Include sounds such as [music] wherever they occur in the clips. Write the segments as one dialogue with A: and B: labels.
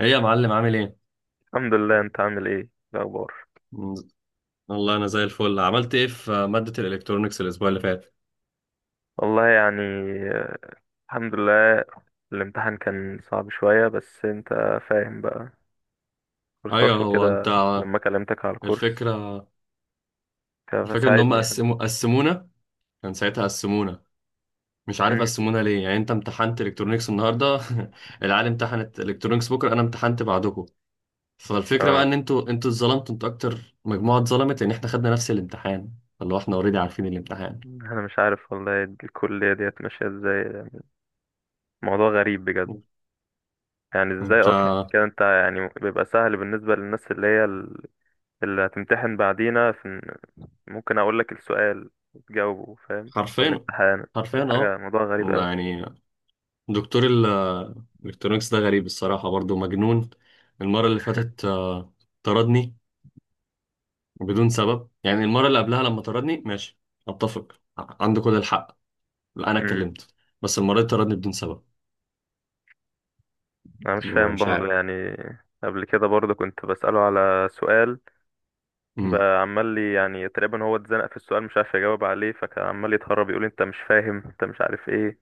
A: ايه يا معلم، عامل ايه؟
B: الحمد لله. انت عامل ايه؟ إيه الاخبار؟
A: مم، والله انا زي الفل. عملت ايه في مادة الالكترونيكس الاسبوع اللي فات؟
B: والله يعني آه، الحمد لله. الامتحان كان صعب شوية، بس انت فاهم بقى
A: ايوه.
B: كورسات
A: هو انت
B: وكده لما كلمتك على الكورس
A: الفكرة
B: كان
A: الفكرة ان هم
B: فساعدني يعني.
A: قسمونا، كان ساعتها قسمونا، مش عارف
B: امم.
A: قسمونا ليه. يعني انت امتحنت الكترونيكس النهارده؟ [laughs] العالم امتحنت الكترونيكس بكره، انا امتحنت بعدكم. فالفكرة بقى
B: اه،
A: ان انتوا اتظلمتوا، انتوا اكتر مجموعة اتظلمت، لان احنا خدنا نفس الامتحان، اللي هو احنا اوريدي عارفين الامتحان.
B: انا مش عارف والله الكلية ديت ماشية ازاي يعني. موضوع غريب بجد. يعني ازاي
A: انت
B: اصلا كده؟ انت يعني بيبقى سهل بالنسبة للناس اللي هي اللي هتمتحن بعدينا. في ممكن اقول لك السؤال وتجاوبه، فاهم؟
A: حرفيا،
B: والامتحان
A: حرفيا
B: ولا حاجة،
A: اه.
B: موضوع غريب
A: يعني دكتور الالكترونيكس ده غريب الصراحة، برضو مجنون. المرة اللي فاتت طردني بدون سبب. يعني المرة اللي قبلها لما طردني ماشي، اتفق، عنده كل الحق. لا، انا
B: قوي.
A: اتكلمت، بس المرة دي طردني بدون سبب.
B: انا مش
A: انا
B: فاهم
A: مش
B: برضو
A: عارف.
B: يعني. قبل كده برضو كنت بسأله على سؤال،
A: امم.
B: بقى عمال لي يعني، تقريبا هو اتزنق في السؤال، مش عارف يجاوب عليه، فكان عمال يتهرب، يقول لي انت مش فاهم، انت مش عارف ايه،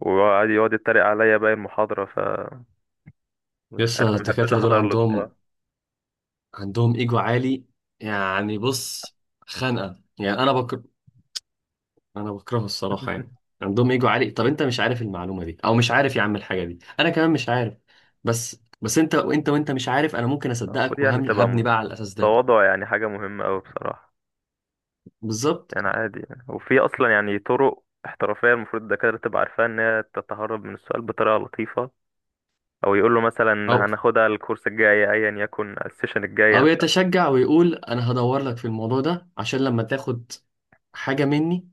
B: وقعد يتريق عليا باقي المحاضرة، فمش
A: لسه
B: عارف، ما بحبش
A: الدكاترة دول
B: احضر له بصراحة.
A: عندهم ايجو عالي. يعني بص، خانقة. يعني انا بكرهه الصراحه.
B: [laughs]
A: يعني عندهم ايجو عالي، طب انت مش عارف المعلومه دي او مش عارف يا عم الحاجه دي، انا كمان مش عارف. بس انت وانت وانت مش عارف، انا ممكن
B: المفروض
A: اصدقك
B: يعني تبقى
A: وهبني بقى على الاساس ده.
B: تواضع، يعني حاجة مهمة أوي بصراحة.
A: بالظبط.
B: يعني عادي يعني. وفي أصلا يعني طرق احترافية المفروض الدكاترة تبقى عارفاها، إن هي تتهرب من السؤال بطريقة لطيفة، او يقول له مثلا
A: او
B: هناخدها الكورس الجاي، ايا يكن السيشن الجايه.
A: او يتشجع ويقول انا هدور لك في الموضوع ده عشان لما تاخد حاجه مني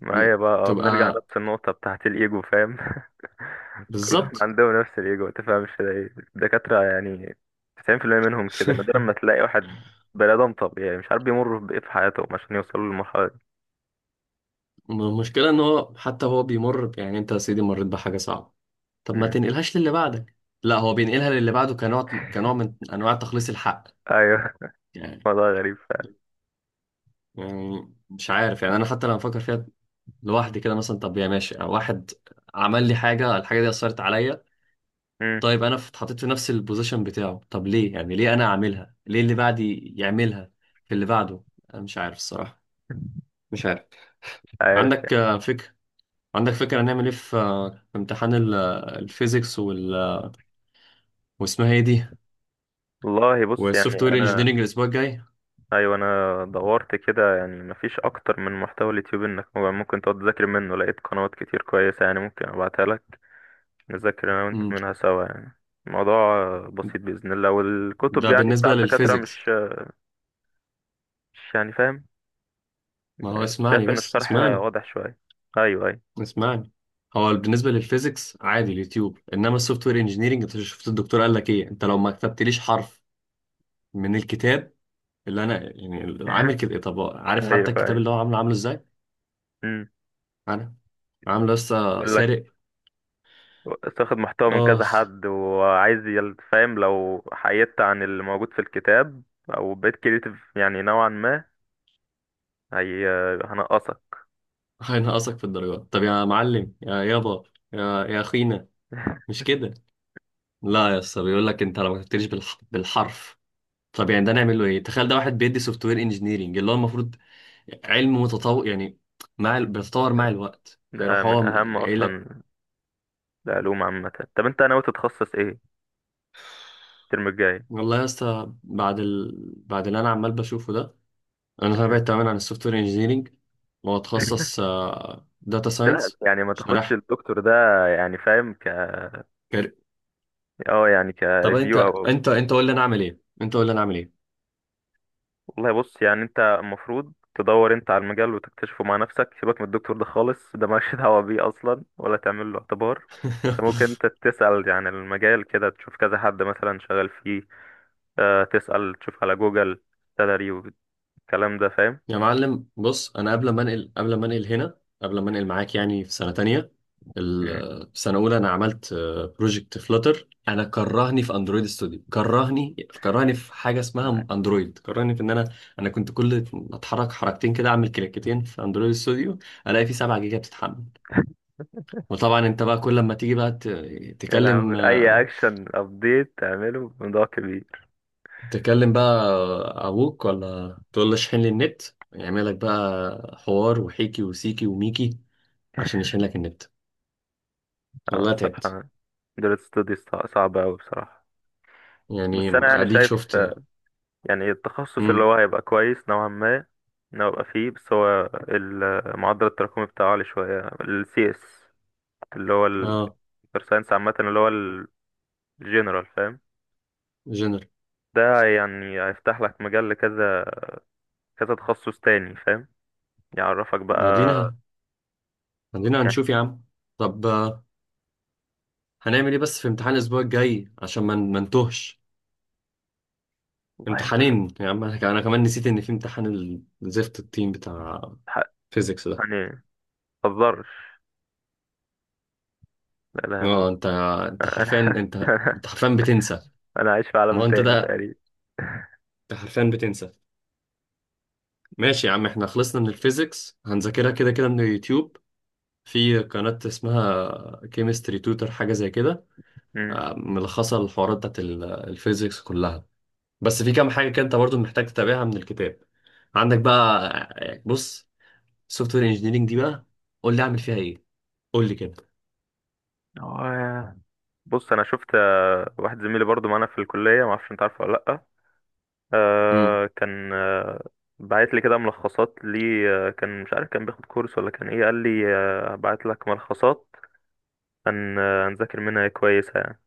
B: فمعايا بقى بنرجع
A: تبقى.
B: نفس النقطه بتاعت الايجو، فاهم؟ [laughs] كلهم
A: بالظبط.
B: عندهم نفس الايجو، ما تفهمش ده ايه الدكاتره يعني. 90% منهم كده، نادرا ما تلاقي واحد بني ادم طبيعي. مش عارف بيمر بايه في حياتهم عشان يوصلوا للمرحله دي.
A: [laughs] المشكله ان هو حتى هو بيمر يعني انت يا سيدي مريت بحاجه صعبه، طب ما
B: مم.
A: تنقلهاش للي بعدك. لا، هو بينقلها للي بعده، كنوع من انواع تخليص الحق.
B: ايوه. [laughs]
A: يعني
B: موضوع غريب فعلا.
A: يعني مش عارف. يعني انا حتى لما افكر فيها لوحدي كده، مثلا طب يا ماشي، واحد عمل لي حاجه، الحاجه دي اثرت عليا.
B: مم.
A: طيب انا اتحطيت في نفس البوزيشن بتاعه، طب ليه؟ يعني ليه انا اعملها، ليه اللي بعدي يعملها في اللي بعده؟ انا مش عارف الصراحه، مش عارف.
B: مش عارف.
A: عندك فكره؟ عندك فكره هنعمل ايه في، في امتحان الفيزيكس واسمها ايه دي،
B: والله بص
A: والسوفت
B: يعني
A: وير
B: انا،
A: انجينيرنج الاسبوع الجاي؟
B: ايوه، انا دورت كده يعني مفيش اكتر من محتوى اليوتيوب انك ممكن تقعد تذاكر منه. لقيت قنوات كتير كويسه، يعني ممكن ابعتها لك، نذاكر أنا وأنت
A: مم.
B: منها سوا يعني. الموضوع بسيط بإذن الله. والكتب
A: ده
B: يعني بتاع
A: بالنسبه
B: الدكاترة
A: للفيزيكس.
B: مش، مش يعني فاهم،
A: ما هو
B: شايف
A: اسمعني،
B: إن
A: بس
B: الشرح
A: اسمعني،
B: واضح شوية. أيوه، أيوه.
A: اسمعني. هو بالنسبه للفيزيكس عادي اليوتيوب، انما السوفت وير انجينيرنج انت شفت الدكتور قال لك ايه؟ انت لو ما كتبتليش حرف من الكتاب اللي انا يعني عامل
B: [laughs]
A: كده إيه؟ طب عارف حتى
B: أيوه،
A: الكتاب
B: أيوه.
A: اللي هو عامله، عامله ازاي؟
B: أمم.
A: انا عامله لسه
B: يقول لك
A: سارق.
B: تاخد محتوى من كذا
A: اخ.
B: حد، وعايز فاهم، لو حيدت عن اللي موجود في الكتاب أو بقيت كريتيف يعني نوعا ما، هي هنقصك.
A: هينقصك في الدرجات. طب يا معلم يا يابا، يا اخينا،
B: [laughs]
A: مش كده؟ لا يا اسطى، بيقول لك انت لو ما كتبتليش بالحرف. طب يعني ده نعمل له ايه؟ تخيل ده واحد بيدي سوفت وير انجينيرنج اللي هو المفروض علم متطور، يعني مع بيتطور مع الوقت،
B: ده
A: فيروح
B: من
A: هو
B: أهم
A: قايل لك.
B: أصلا العلوم عامة. طب أنت ناوي تتخصص إيه الترم الجاي؟
A: والله يا اسطى، بعد اللي انا عمال بشوفه ده، انا تابعت تماما عن السوفت وير انجينيرنج،
B: [laughs]
A: واتخصص داتا
B: لا،
A: ساينس،
B: يعني ما
A: عشان
B: تاخدش
A: رايح
B: الدكتور ده. يعني فاهم، ك
A: كاري-
B: اه يعني
A: طب انت
B: كريفيو
A: انت انت قول لي انا اعمل ايه، انت قول لي انا اعمل ايه.
B: والله بص، يعني انت المفروض تدور انت على المجال وتكتشفه مع نفسك. سيبك من الدكتور ده خالص، ده مالكش [laughs] دعوة بيه اصلا ولا تعمل له اعتبار. انت
A: [laughs]
B: ممكن انت تسأل عن المجال كده، تشوف كذا حد مثلا شغال فيه، اه تسأل تشوف على جوجل، سالري، والكلام ده، فاهم؟
A: يا معلم بص، انا قبل ما انقل معاك، يعني في سنه تانية،
B: مم.
A: في سنه اولى انا عملت بروجكت فلوتر. انا كرهني في اندرويد ستوديو، كرهني في حاجه اسمها اندرويد، كرهني في ان انا كنت كل ما اتحرك حركتين كده، اعمل كليكتين في اندرويد ستوديو، الاقي فيه 7 جيجا بتتحمل. وطبعا انت بقى، كل ما تيجي بقى،
B: يا لهوي،
A: تكلم
B: اي
A: آه،
B: اكشن ابديت تعمله بموضوع كبير.
A: تكلم بقى ابوك ولا تقول له اشحن لي النت، يعمل لك بقى حوار وحيكي وسيكي وميكي عشان
B: [laughs]
A: يشيل لك النت.
B: اه
A: والله تعبت.
B: الصراحة دول ستوديز صعبة أوي بصراحة. بس
A: يعني
B: أنا يعني
A: اديك
B: شايف
A: شفت.
B: يعني التخصص اللي
A: امم.
B: هو هيبقى كويس نوعا ما، إن هو يبقى فيه. بس هو معدل التراكمي بتاعه عالي شوية، ال CS اللي هو ال
A: اه.
B: Computer Science عامة، اللي هو الجنرال فاهم.
A: جنرال.
B: ده يعني هيفتح لك مجال لكذا، كذا تخصص تاني، فاهم؟ يعرفك بقى
A: مدينة مدينة
B: يعني.
A: هنشوف يا عم. طب هنعمل ايه بس في امتحان الاسبوع الجاي، عشان ما نتوهش؟
B: والله يا-
A: امتحانين يا عم، أنا كمان نسيت ان في امتحان الزفت التيم بتاع
B: حق-
A: فيزيكس ده.
B: يعني متهزرش، لا لا لا.
A: اه. انت، انت حرفيا،
B: أنا
A: انت
B: [laughs] أنا،
A: انت حرفيا بتنسى.
B: أنا عايش في
A: ما
B: عالم
A: هو انت
B: تاني
A: ده،
B: تقريبا.
A: انت حرفيا بتنسى. ماشي يا عم، احنا خلصنا من الفيزيكس، هنذاكرها كده كده من اليوتيوب. في قناة اسمها كيمستري توتر حاجة زي كده،
B: امم.
A: ملخصة الحوارات بتاعت الفيزيكس كلها، بس في كام حاجة كده انت برضو محتاج تتابعها من الكتاب. عندك بقى، بص، سوفت وير انجينيرنج دي بقى قول لي اعمل فيها ايه، قول لي كده.
B: هو بص انا شفت واحد زميلي برضو معانا في الكليه، ما اعرفش انت عارفه ولا لا،
A: امم
B: آه كان آه بعت لي كده ملخصات لي، آه كان مش عارف كان بياخد كورس ولا كان ايه، قال لي آه بعت لك ملخصات، هن آه هنذاكر منها كويسة يعني.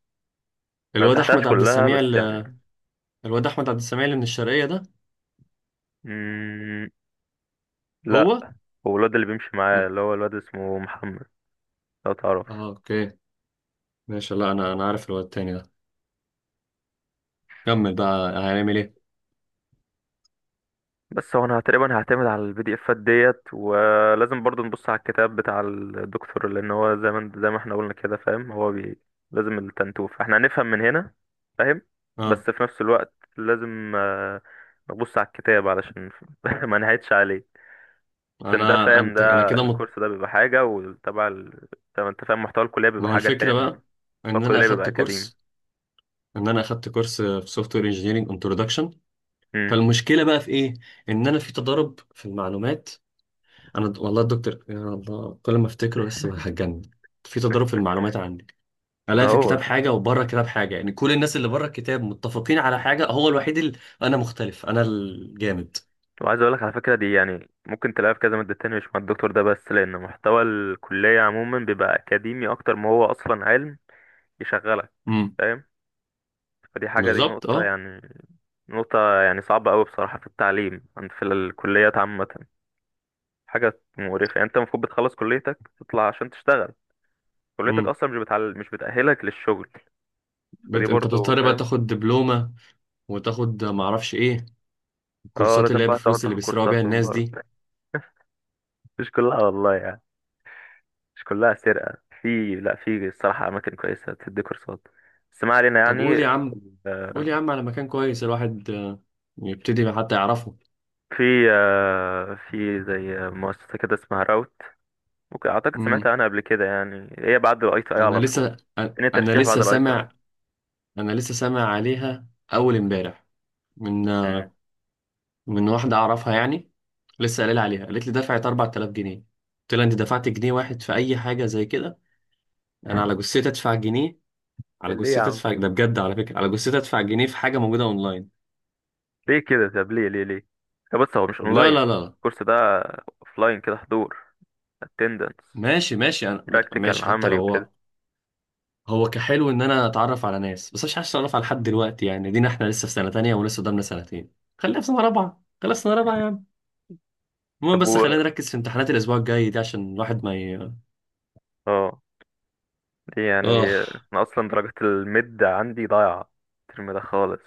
B: ما
A: الواد
B: فتحتهاش
A: احمد عبد
B: كلها
A: السميع
B: بس
A: ال-
B: يعني.
A: الواد احمد عبد السميع اللي من الشرقية ده،
B: مم. لا،
A: هو
B: هو الواد اللي بيمشي
A: م...
B: معايا، اللي هو الواد اسمه محمد، لو تعرف.
A: اه اوكي. ماشي. لا، انا عارف الواد التاني ده. كمل بقى هنعمل ايه.
B: بس هو انا تقريبا هعتمد على البي دي افات ديت، ولازم برضو نبص على الكتاب بتاع الدكتور، لان هو زي ما احنا قلنا كده، فاهم؟ هو بي... لازم التنتوف احنا هنفهم من هنا، فاهم؟
A: اه.
B: بس في نفس الوقت لازم نبص على الكتاب علشان [laughs] ما نهيتش عليه. عشان ده
A: انا
B: فاهم،
A: انت انا
B: ده
A: كده مط...
B: الكورس ده بيبقى حاجة وتبع ال... طب انت فاهم، محتوى الكلية
A: ما
B: بيبقى
A: هو
B: حاجة
A: الفكرة
B: تاني.
A: بقى
B: محتوى
A: ان انا
B: الكلية بيبقى
A: اخدت
B: أكاديمي.
A: كورس ان انا اخدت كورس في سوفت وير انجينيرنج انتروداكشن.
B: امم.
A: فالمشكله بقى في ايه؟ ان انا في تضارب في المعلومات. والله الدكتور، يا الله كل ما افتكره بس هتجنن. في تضارب في المعلومات عندي، الاقي في
B: هو
A: الكتاب حاجه وبره الكتاب حاجه. يعني كل الناس اللي بره الكتاب متفقين على حاجه، هو الوحيد اللي انا مختلف انا الجامد.
B: وعايز اقول لك على فكره، دي يعني ممكن تلاقيها في كذا ماده تانية، مش مع الدكتور ده بس، لان محتوى الكليه عموما بيبقى اكاديمي اكتر ما هو اصلا علم يشغلك،
A: امم.
B: فاهم؟ فدي حاجه، دي
A: بالظبط
B: نقطه
A: اه.
B: يعني، نقطه يعني صعبه قوي بصراحه في التعليم عند، في الكليات عامه. حاجه مقرفه يعني. انت المفروض بتخلص كليتك تطلع عشان تشتغل، كليتك
A: امم.
B: اصلا مش بتعل... مش بتاهلك للشغل. فدي
A: انت
B: برضو
A: بتضطر بقى
B: فاهم.
A: تاخد دبلومه، وتاخد معرفش ايه
B: اه،
A: الكورسات اللي
B: لازم
A: هي
B: بقى تقعد
A: بفلوس اللي
B: تاخد
A: بيسرقوا بيها
B: كورسات من
A: الناس
B: بره.
A: دي.
B: [laughs] مش كلها والله، مش كلها سرقة، في، لا، في الصراحة أماكن كويسة تدي كورسات. بس ما علينا
A: طب
B: يعني.
A: قول يا
B: آه،
A: عم على مكان كويس الواحد يبتدي حتى يعرفه.
B: في في زي مؤسسة كده اسمها راوت، ممكن أعتقد سمعت
A: امم.
B: عنها قبل كده، يعني هي بعد الأي تي أي
A: انا
B: على طول،
A: لسه
B: إن
A: انا
B: الترشيح بعد
A: لسه
B: الأي تي أي.
A: سامع انا لسه سامع عليها اول امبارح، من
B: أمم.
A: من واحده اعرفها يعني، لسه قايله لي عليها. قالت لي دفعت 4000 جنيه. قلت لها انت دفعت جنيه واحد في اي حاجه زي كده؟ انا على جثتي ادفع جنيه، على
B: ليه
A: جثتي
B: يا عم؟
A: ادفع ده بجد، على فكره، على جثتي ادفع جنيه في حاجه موجوده اونلاين.
B: ليه كده؟ طب ليه ليه ليه؟ طب بص، هو مش
A: لا
B: أونلاين
A: لا لا.
B: الكورس ده، أوفلاين كده، حضور، attendance،
A: ماشي ماشي،
B: براكتيكال
A: ماشي حتى لو
B: عملي
A: هو
B: وكده.
A: هو كحلو ان انا اتعرف على ناس، بس مش عايز اتعرف على حد دلوقتي، يعني دينا احنا لسه في سنه تانية، ولسه قدامنا سنتين. خلينا في سنه رابعه يا. المهم
B: طب
A: بس
B: و
A: خلينا نركز في امتحانات الاسبوع الجاي دي، عشان الواحد ما ي...
B: اه، دي يعني
A: اه.
B: أنا أصلا درجة الميد عندي ضايعة الترم ده خالص.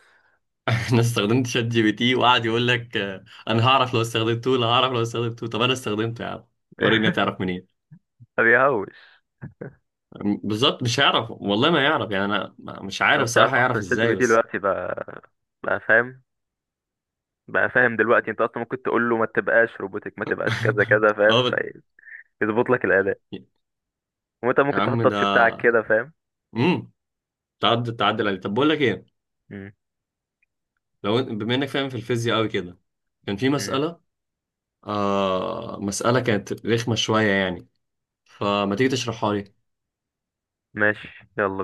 A: [laughs] انا استخدمت شات جي بي تي، وقعد يقول لك انا هعرف لو استخدمته، انا هعرف لو استخدمته. طب انا استخدمته يا عم، وريني هتعرف منين؟
B: ما بيهوش.
A: بالظبط. مش هيعرف والله ما يعرف. يعني انا ما- مش عارف
B: انت عارف
A: صراحة يعرف
B: اصلا شات جي بي
A: ازاي
B: تي
A: بس.
B: دلوقتي بقى، بقى فاهم، بقى فاهم دلوقتي، انت اصلا ممكن تقول له ما تبقاش روبوتك، ما تبقاش كذا
A: [laughs]
B: كذا، فاهم؟
A: اه.
B: فيظبط لك الاداء، وانت
A: يا
B: ممكن تحط
A: عم ده.
B: التاتش بتاعك كده، فاهم؟
A: امم. تعدل عليه. طب بقول لك ايه،
B: امم.
A: بما انك فاهم في الفيزياء قوي كده، كان في
B: امم.
A: مسألة كانت رخمة شوية يعني، فما تيجي تشرحها لي؟
B: ماشي، يلا بينا.